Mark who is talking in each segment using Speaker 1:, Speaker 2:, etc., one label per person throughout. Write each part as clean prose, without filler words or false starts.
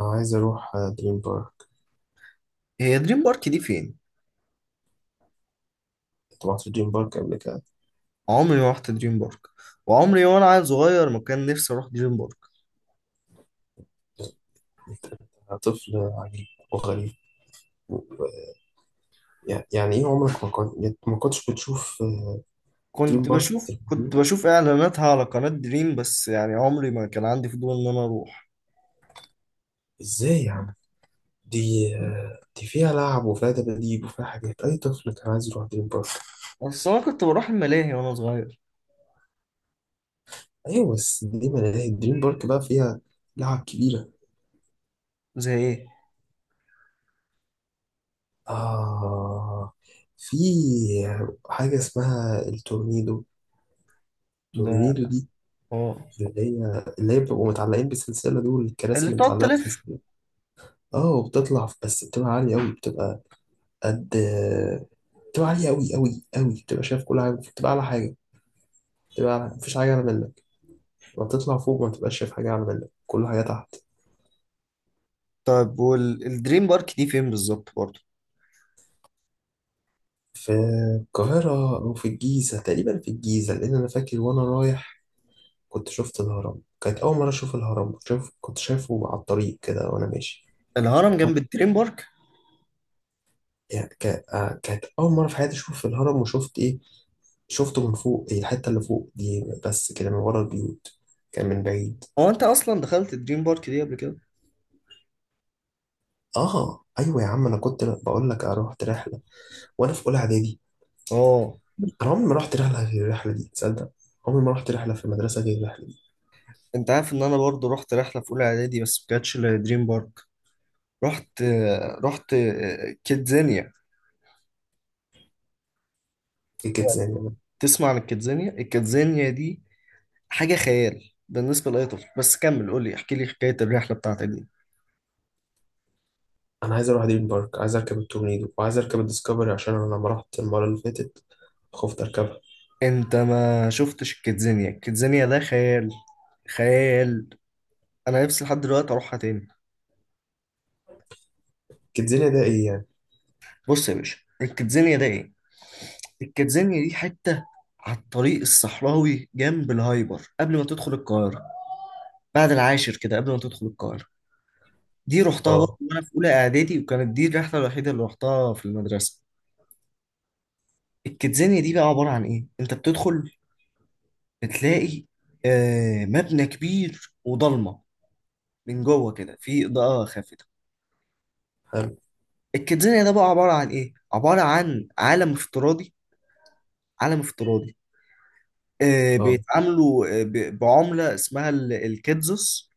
Speaker 1: أنا عايز أروح دريم بارك.
Speaker 2: هي دريم بارك دي فين؟
Speaker 1: كنت رحت دريم بارك قبل كده.
Speaker 2: عمري ما رحت دريم بارك، وعمري وانا عيل صغير ما كان نفسي اروح دريم بارك.
Speaker 1: أنت، أنت طفل عجيب وغريب و- يعني إيه؟ عمرك ما كنت، يعني ما كنتش بتشوف دريم
Speaker 2: كنت
Speaker 1: بارك في
Speaker 2: بشوف كنت
Speaker 1: التلفزيون؟
Speaker 2: بشوف اعلاناتها على قناة دريم، بس يعني عمري ما كان عندي فضول ان انا اروح.
Speaker 1: إزاي يعني؟ دي دي فيها لعب وفيها دباديب وفيها حاجات أي طفل كان عايز يروح دريم بارك.
Speaker 2: بس انا كنت بروح الملاهي وانا صغير.
Speaker 1: أيوة، بس دي ملاهي دريم بارك بقى فيها لعب كبيرة.
Speaker 2: زي ايه؟
Speaker 1: آه، في حاجة اسمها التورنيدو.
Speaker 2: ده
Speaker 1: التورنيدو دي
Speaker 2: اه.
Speaker 1: اللي هي بيبقوا متعلقين بالسلسلة، دول
Speaker 2: اللي
Speaker 1: الكراسي اللي
Speaker 2: بتقعد
Speaker 1: متعلقة
Speaker 2: تلف.
Speaker 1: بالسلسلة. اه، وبتطلع، بس بتبقى عالية أوي، بتبقى قد، بتبقى عالية أوي أوي أوي، بتبقى شايف كل حاجة، بتبقى أعلى حاجة، بتبقى أعلى، مفيش حاجة أعلى منك. لما بتطلع فوق ما بتبقاش شايف حاجة أعلى منك، كل حاجة تحت.
Speaker 2: طيب والدريم بارك دي فين بالظبط برضه؟
Speaker 1: في القاهرة أو في الجيزة، تقريبا في الجيزة، لأن أنا فاكر وأنا رايح كنت شفت الهرم، كانت أول مرة أشوف الهرم، كنت شايف، كنت شايفه على الطريق كده وأنا ماشي.
Speaker 2: الهرم جنب الدريم بارك؟
Speaker 1: يعني كانت أول مرة في حياتي أشوف الهرم، وشفت إيه، شفته من فوق، إيه، الحتة اللي فوق دي بس كده من ورا البيوت، كان من بعيد.
Speaker 2: هو انت اصلا دخلت الدريم بارك دي قبل كده؟
Speaker 1: اه ايوه يا عم، انا كنت بقول لك رحت رحله وانا في اولى اعدادي.
Speaker 2: اه.
Speaker 1: انا عمري ما رحت رحله غير الرحله دي، تصدق. عمري ما رحت رحله في المدرسه غير الرحله دي.
Speaker 2: انت عارف ان انا برضه رحت رحلة في اولى اعدادي بس ما كانتش لدريم بارك. رحت رحت كيدزانيا.
Speaker 1: ايه كده زي ما أنا.
Speaker 2: تسمع عن الكيدزانيا؟ الكيدزانيا دي حاجة خيال بالنسبة لأي طفل، بس كمل، قول لي، احكي لي حكاية الرحلة بتاعتك دي.
Speaker 1: انا عايز اروح دريم بارك، عايز اركب التورنيدو وعايز اركب الديسكفري، عشان انا لما رحت المره اللي فاتت خفت اركبها.
Speaker 2: انت ما شفتش الكيدزانيا، الكيدزانيا ده خيال، خيال. انا نفسي لحد دلوقتي اروحها تاني.
Speaker 1: كيدزانيا ده ايه يعني؟
Speaker 2: بص يا باشا الكيدزانيا ده ايه. الكيدزانيا دي حتة على الطريق الصحراوي جنب الهايبر قبل ما تدخل القاهرة. بعد العاشر كده قبل ما تدخل القاهرة. دي رحتها برضه
Speaker 1: اه.
Speaker 2: وانا في اولى اعدادي، وكانت دي الرحله الوحيده اللي رحتها في المدرسه. الكيدزانيا دي بقى عبارة عن إيه؟ أنت بتدخل، بتلاقي مبنى كبير وضلمة، من جوه كده في إضاءة خافتة.
Speaker 1: حلو.
Speaker 2: الكيدزانيا ده بقى عبارة عن إيه؟ عبارة عن عالم افتراضي، عالم افتراضي.
Speaker 1: اه.
Speaker 2: بيتعاملوا بعملة اسمها الكيدزوس،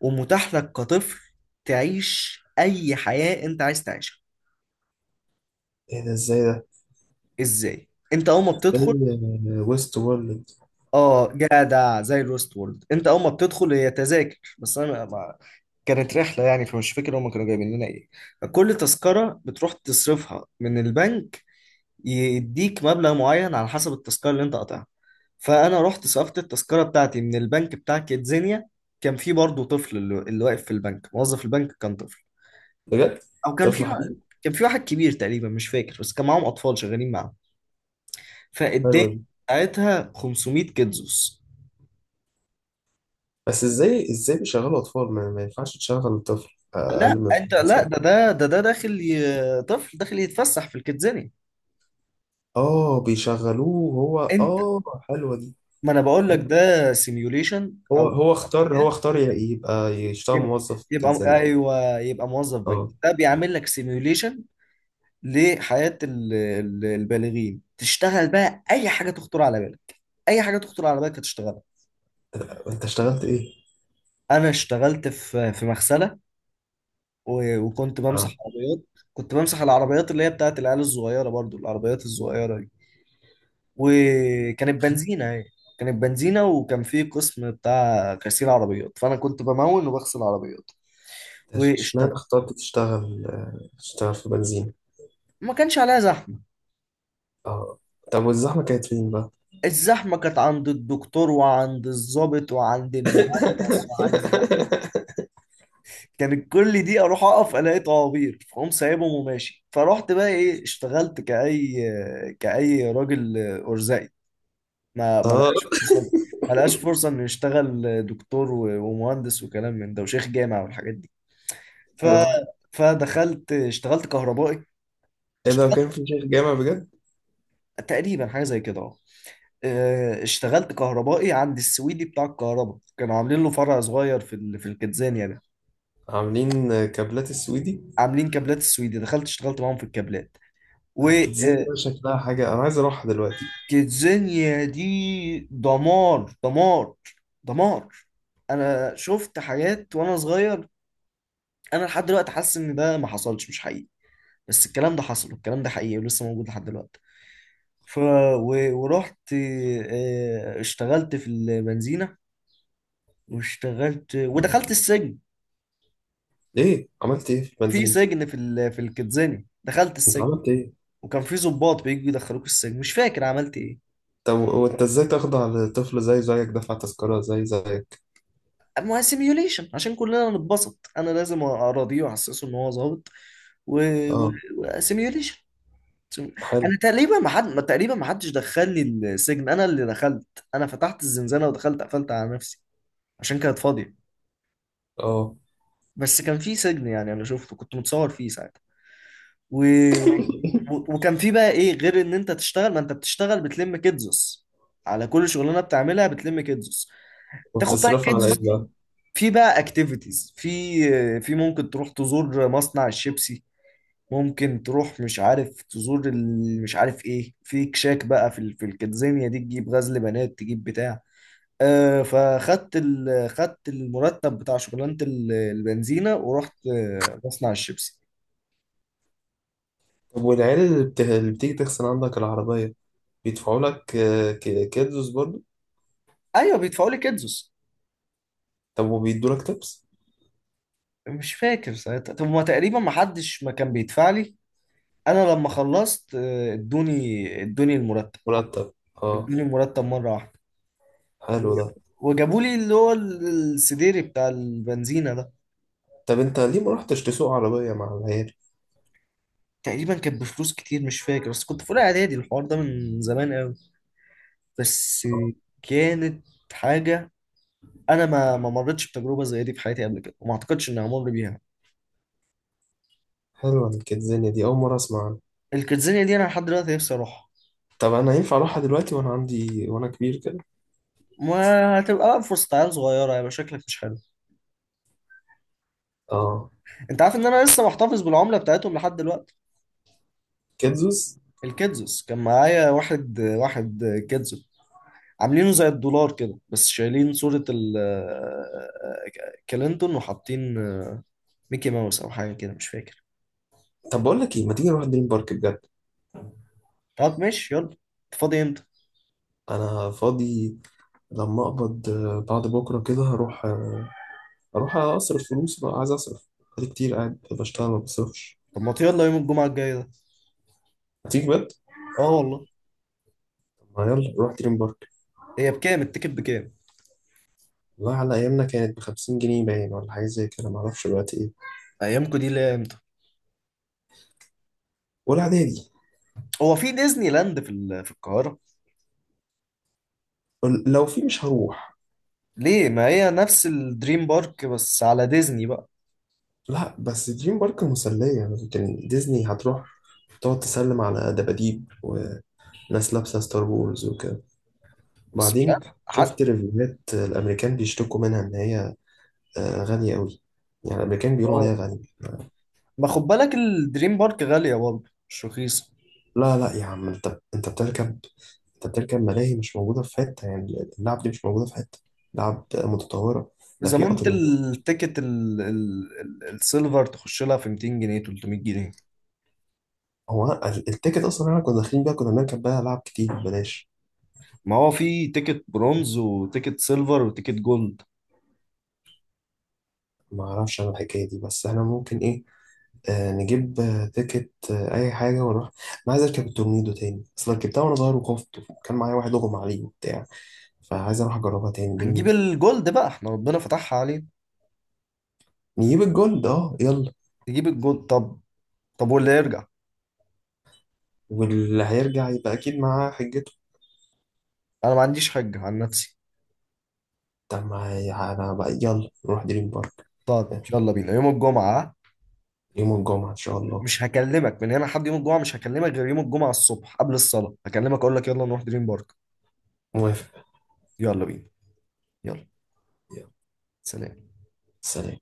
Speaker 2: ومتاح لك كطفل تعيش أي حياة أنت عايز تعيشها.
Speaker 1: ايه ده؟ ازاي ده؟
Speaker 2: إزاي؟ أنت أول ما بتدخل.
Speaker 1: ده ويست وورلد.
Speaker 2: اه جدع زي الويست وورلد. انت اول ما بتدخل هي تذاكر، بس انا ما كانت رحله يعني فمش فاكر هم كانوا جايبين لنا ايه. كل تذكره بتروح تصرفها من البنك، يديك مبلغ معين على حسب التذكره اللي انت قاطعها. فانا رحت صرفت التذكره بتاعتي من البنك بتاع كيدزينيا. كان في برضه طفل، اللي واقف في البنك، موظف البنك كان طفل.
Speaker 1: بجد؟
Speaker 2: او كان في
Speaker 1: طفل حبيبي.
Speaker 2: كان في واحد كبير تقريبا، مش فاكر، بس كان معاهم اطفال شغالين معاهم. فاداني
Speaker 1: حلو.
Speaker 2: ساعتها 500 كيدزوس.
Speaker 1: بس ازاي، ازاي بيشغلوا اطفال، ما ما ينفعش تشغل طفل اقل
Speaker 2: لا
Speaker 1: من
Speaker 2: انت
Speaker 1: 12
Speaker 2: لا،
Speaker 1: سنه.
Speaker 2: ده داخل، طفل داخل يتفسح في الكيدزاني.
Speaker 1: اه بيشغلوه هو،
Speaker 2: انت،
Speaker 1: اه. حلوه دي.
Speaker 2: ما انا بقول لك
Speaker 1: حلوة.
Speaker 2: ده سيميوليشن.
Speaker 1: هو هو اختار، هو
Speaker 2: كده،
Speaker 1: اختار يبقى يشتغل
Speaker 2: يبقى
Speaker 1: موظف في
Speaker 2: يبقى
Speaker 1: الزن.
Speaker 2: ايوه، يبقى موظف بنك،
Speaker 1: اه.
Speaker 2: ده بيعمل لك سيميوليشن لحياة البالغين. تشتغل بقى اي حاجة تخطر على بالك، اي حاجة تخطر على بالك هتشتغلها.
Speaker 1: انت اشتغلت ايه؟
Speaker 2: انا اشتغلت في مغسلة، وكنت بمسح
Speaker 1: اه،
Speaker 2: عربيات. كنت بمسح العربيات اللي هي بتاعت العيال الصغيرة برضو، العربيات الصغيرة. وكانت بنزينة هي، كانت بنزينة، وكان في قسم بتاع غسيل عربيات، فأنا كنت بمون وبغسل عربيات
Speaker 1: أنت اشمعنى
Speaker 2: واشتغل.
Speaker 1: اخترت تشتغل تشتغل في بنزين؟
Speaker 2: ما كانش عليها زحمة.
Speaker 1: اه. طب والزحمه كانت فين بقى؟
Speaker 2: الزحمة كانت عند الدكتور وعند الضابط وعند المهندس، وعند كانت كل دي أروح أقف ألاقي طوابير فأقوم سايبهم وماشي. فرحت بقى إيه، اشتغلت كأي، كأي راجل أرزقي ما
Speaker 1: اه.
Speaker 2: لقاش فرصة، ما لقاش فرصة انه يشتغل دكتور ومهندس وكلام من ده وشيخ جامع والحاجات دي. ف
Speaker 1: ايه ده؟
Speaker 2: فدخلت اشتغلت كهربائي،
Speaker 1: ايه ده،
Speaker 2: اشتغلت
Speaker 1: كان في شيخ جامع بجد؟
Speaker 2: تقريبا حاجة زي كده اه. اه، اشتغلت كهربائي عند السويدي بتاع الكهرباء، كانوا عاملين له فرع صغير في الكتزانيا ده.
Speaker 1: عاملين كابلات السويدي.
Speaker 2: عاملين كابلات السويدي، دخلت اشتغلت معاهم في الكابلات.
Speaker 1: كانت زي بقى شكلها حاجه انا عايز اروحها دلوقتي.
Speaker 2: وكتزانيا دي دمار، دمار، دمار. انا شفت حاجات وانا صغير، انا لحد دلوقتي حاسس ان ده ما حصلش، مش حقيقي، بس الكلام ده حصل والكلام ده حقيقي ولسه موجود لحد دلوقتي. ف ورحت، اشتغلت في البنزينة، واشتغلت ودخلت السجن.
Speaker 1: ايه عملت ايه في
Speaker 2: في
Speaker 1: البنزين؟
Speaker 2: سجن، في الكتزاني دخلت
Speaker 1: انت
Speaker 2: السجن.
Speaker 1: عملت ايه؟
Speaker 2: وكان في ضباط بييجوا يدخلوك السجن، مش فاكر عملت ايه.
Speaker 1: طب وانت ازاي تخضع لطفل زي زيك دفع تذكرة زي زيك؟
Speaker 2: اما سيميوليشن، عشان كلنا نتبسط انا لازم اراضيه واحسسه ان هو ظابط. و... و...
Speaker 1: اه.
Speaker 2: سيميوليشن. سو-
Speaker 1: حلو.
Speaker 2: انا تقريبا ما حد ما تقريبا ما حدش دخلني السجن، انا اللي دخلت. انا فتحت الزنزانه ودخلت قفلت على نفسي عشان كانت فاضيه.
Speaker 1: اه.
Speaker 2: بس كان في سجن يعني، انا شفته كنت متصور فيه ساعتها. و... وكان في بقى ايه غير ان انت تشتغل، ما انت بتشتغل بتلم كيدزوس، على كل شغلانه بتعملها بتلم كيدزوس. تاخد بقى
Speaker 1: وبتصرفها على ايه
Speaker 2: الكيدزوس دي،
Speaker 1: بقى؟
Speaker 2: في بقى اكتيفيتيز، في ممكن تروح تزور مصنع الشيبسي، ممكن تروح مش عارف تزور مش عارف ايه، في كشاك بقى في الكنزينيا دي، تجيب غزل بنات، تجيب بتاع. آه فخدت، خدت المرتب بتاع شغلانة البنزينة، ورحت مصنع الشيبسي.
Speaker 1: طب والعيال، اللي اللي بتيجي تغسل عندك العربية بيدفعوا لك، كيدز برضه؟
Speaker 2: ايوه بيدفعوا لي كدزوس.
Speaker 1: طب وبيدوا لك تبس؟
Speaker 2: مش فاكر ساعتها، طب ما تقريبا ما حدش ما كان بيدفع لي. انا لما خلصت ادوني المرتب،
Speaker 1: مرتب. اه.
Speaker 2: ادوني المرتب مرة واحدة.
Speaker 1: حلو ده.
Speaker 2: وجابوا لي اللي هو السديري بتاع البنزينة ده.
Speaker 1: طب انت ليه ما رحتش تسوق عربية مع العيال؟
Speaker 2: تقريبا كانت بفلوس كتير مش فاكر، بس كنت في اولى اعدادي، الحوار ده من زمان قوي. بس
Speaker 1: اه.
Speaker 2: كانت حاجه انا ما مرتش بتجربه زي دي في حياتي قبل كده، وما اعتقدش اني همر بيها.
Speaker 1: حلوة الكيدزانية دي، اول مرة اسمع عنها.
Speaker 2: الكيدزانيا دي انا لحد دلوقتي نفسي اروحها.
Speaker 1: طب انا ينفع اروحها دلوقتي وانا عندي، وانا كبير كده؟
Speaker 2: وهتبقى بقى فرصة عيال صغيرة، هيبقى شكلك مش حلو.
Speaker 1: اه.
Speaker 2: انت عارف ان انا لسه محتفظ بالعملة بتاعتهم لحد دلوقتي.
Speaker 1: كيدزوس.
Speaker 2: الكيدزوس كان معايا واحد واحد. كيدزو. عاملينه زي الدولار كده، بس شايلين صورة ال كلينتون، وحاطين ميكي ماوس او حاجة كده مش فاكر.
Speaker 1: طب بقول لك ايه، ما تيجي نروح دريم بارك بجد.
Speaker 2: طب ماشي يلا، انت فاضي امتى؟
Speaker 1: انا فاضي لما اقبض، بعد بكره كده هروح، اروح اصرف فلوس بقى، عايز اصرف بقالي كتير قاعد بشتغل ما بصرفش.
Speaker 2: طب ما يلا يوم الجمعه الجايه ده.
Speaker 1: هتيجي بجد؟
Speaker 2: اه والله.
Speaker 1: طب ما يلا نروح دريم بارك.
Speaker 2: هي بكام التيكت؟ بكام؟
Speaker 1: والله على ايامنا كانت ب 50 جنيه باين، ولا حاجه زي كده، ما اعرفش دلوقتي ايه.
Speaker 2: ايامكم دي ليه؟ امتى؟
Speaker 1: ولا اعدادي.
Speaker 2: هو في ديزني لاند في القاهره؟
Speaker 1: لو في مش هروح.
Speaker 2: ليه؟ ما هي نفس الدريم بارك بس على ديزني بقى.
Speaker 1: لا، بس دريم بارك مسليه، لكن ديزني هتروح تقعد تسلم على دباديب وناس لابسه ستار وورز وكده.
Speaker 2: بس مش
Speaker 1: بعدين
Speaker 2: عارف حتى.
Speaker 1: شفت ريفيوهات الامريكان بيشتكوا منها ان هي غالية قوي، يعني الأمريكان بيقولوا
Speaker 2: اه.
Speaker 1: عليها غالية.
Speaker 2: ما خد بالك الدريم بارك غاليه برضه، مش رخيصه.
Speaker 1: لا لا يا عم، أنت، أنت بتركب، أنت بتركب ملاهي مش موجودة في حتة، يعني اللعب دي مش موجودة في حتة، لعب متطورة، ده في
Speaker 2: زمان انت
Speaker 1: قطر.
Speaker 2: التيكت السيلفر تخش لها في 200 جنيه، 300 جنيه.
Speaker 1: هو التيكت أصلا إحنا كنا داخلين بيها، كنا بنركب بيها ألعاب كتير ببلاش.
Speaker 2: ما هو في تيكت برونز وتيكت سيلفر وتيكت جولد.
Speaker 1: ما أعرفش أنا الحكاية دي، بس إحنا ممكن إيه، آه نجيب تيكت آه أي حاجة ونروح. أنا عايز أركب التورنيدو تاني، أصل ركبتها وأنا صغير وخفت، كان معايا واحد أغمى عليه وبتاع، فعايز أروح أجربها تاني،
Speaker 2: هنجيب
Speaker 1: جميلة.
Speaker 2: الجولد بقى، احنا ربنا فتحها علينا.
Speaker 1: نجيب الجولد، أه يلا.
Speaker 2: نجيب الجولد. طب. طب واللي يرجع.
Speaker 1: واللي هيرجع يبقى أكيد معاه حجته.
Speaker 2: انا ما عنديش حجة عن نفسي.
Speaker 1: طب ما هي- أنا بقى، يلا نروح دريم بارك.
Speaker 2: طب يلا بينا يوم الجمعة.
Speaker 1: يوم الجمعة إن شاء الله.
Speaker 2: مش هكلمك من هنا لحد يوم الجمعة، مش هكلمك غير يوم الجمعة الصبح قبل الصلاة، هكلمك اقول لك يلا نروح دريم بارك.
Speaker 1: موافق.
Speaker 2: يلا بينا. يلا.
Speaker 1: يلا.
Speaker 2: سلام.
Speaker 1: سلام.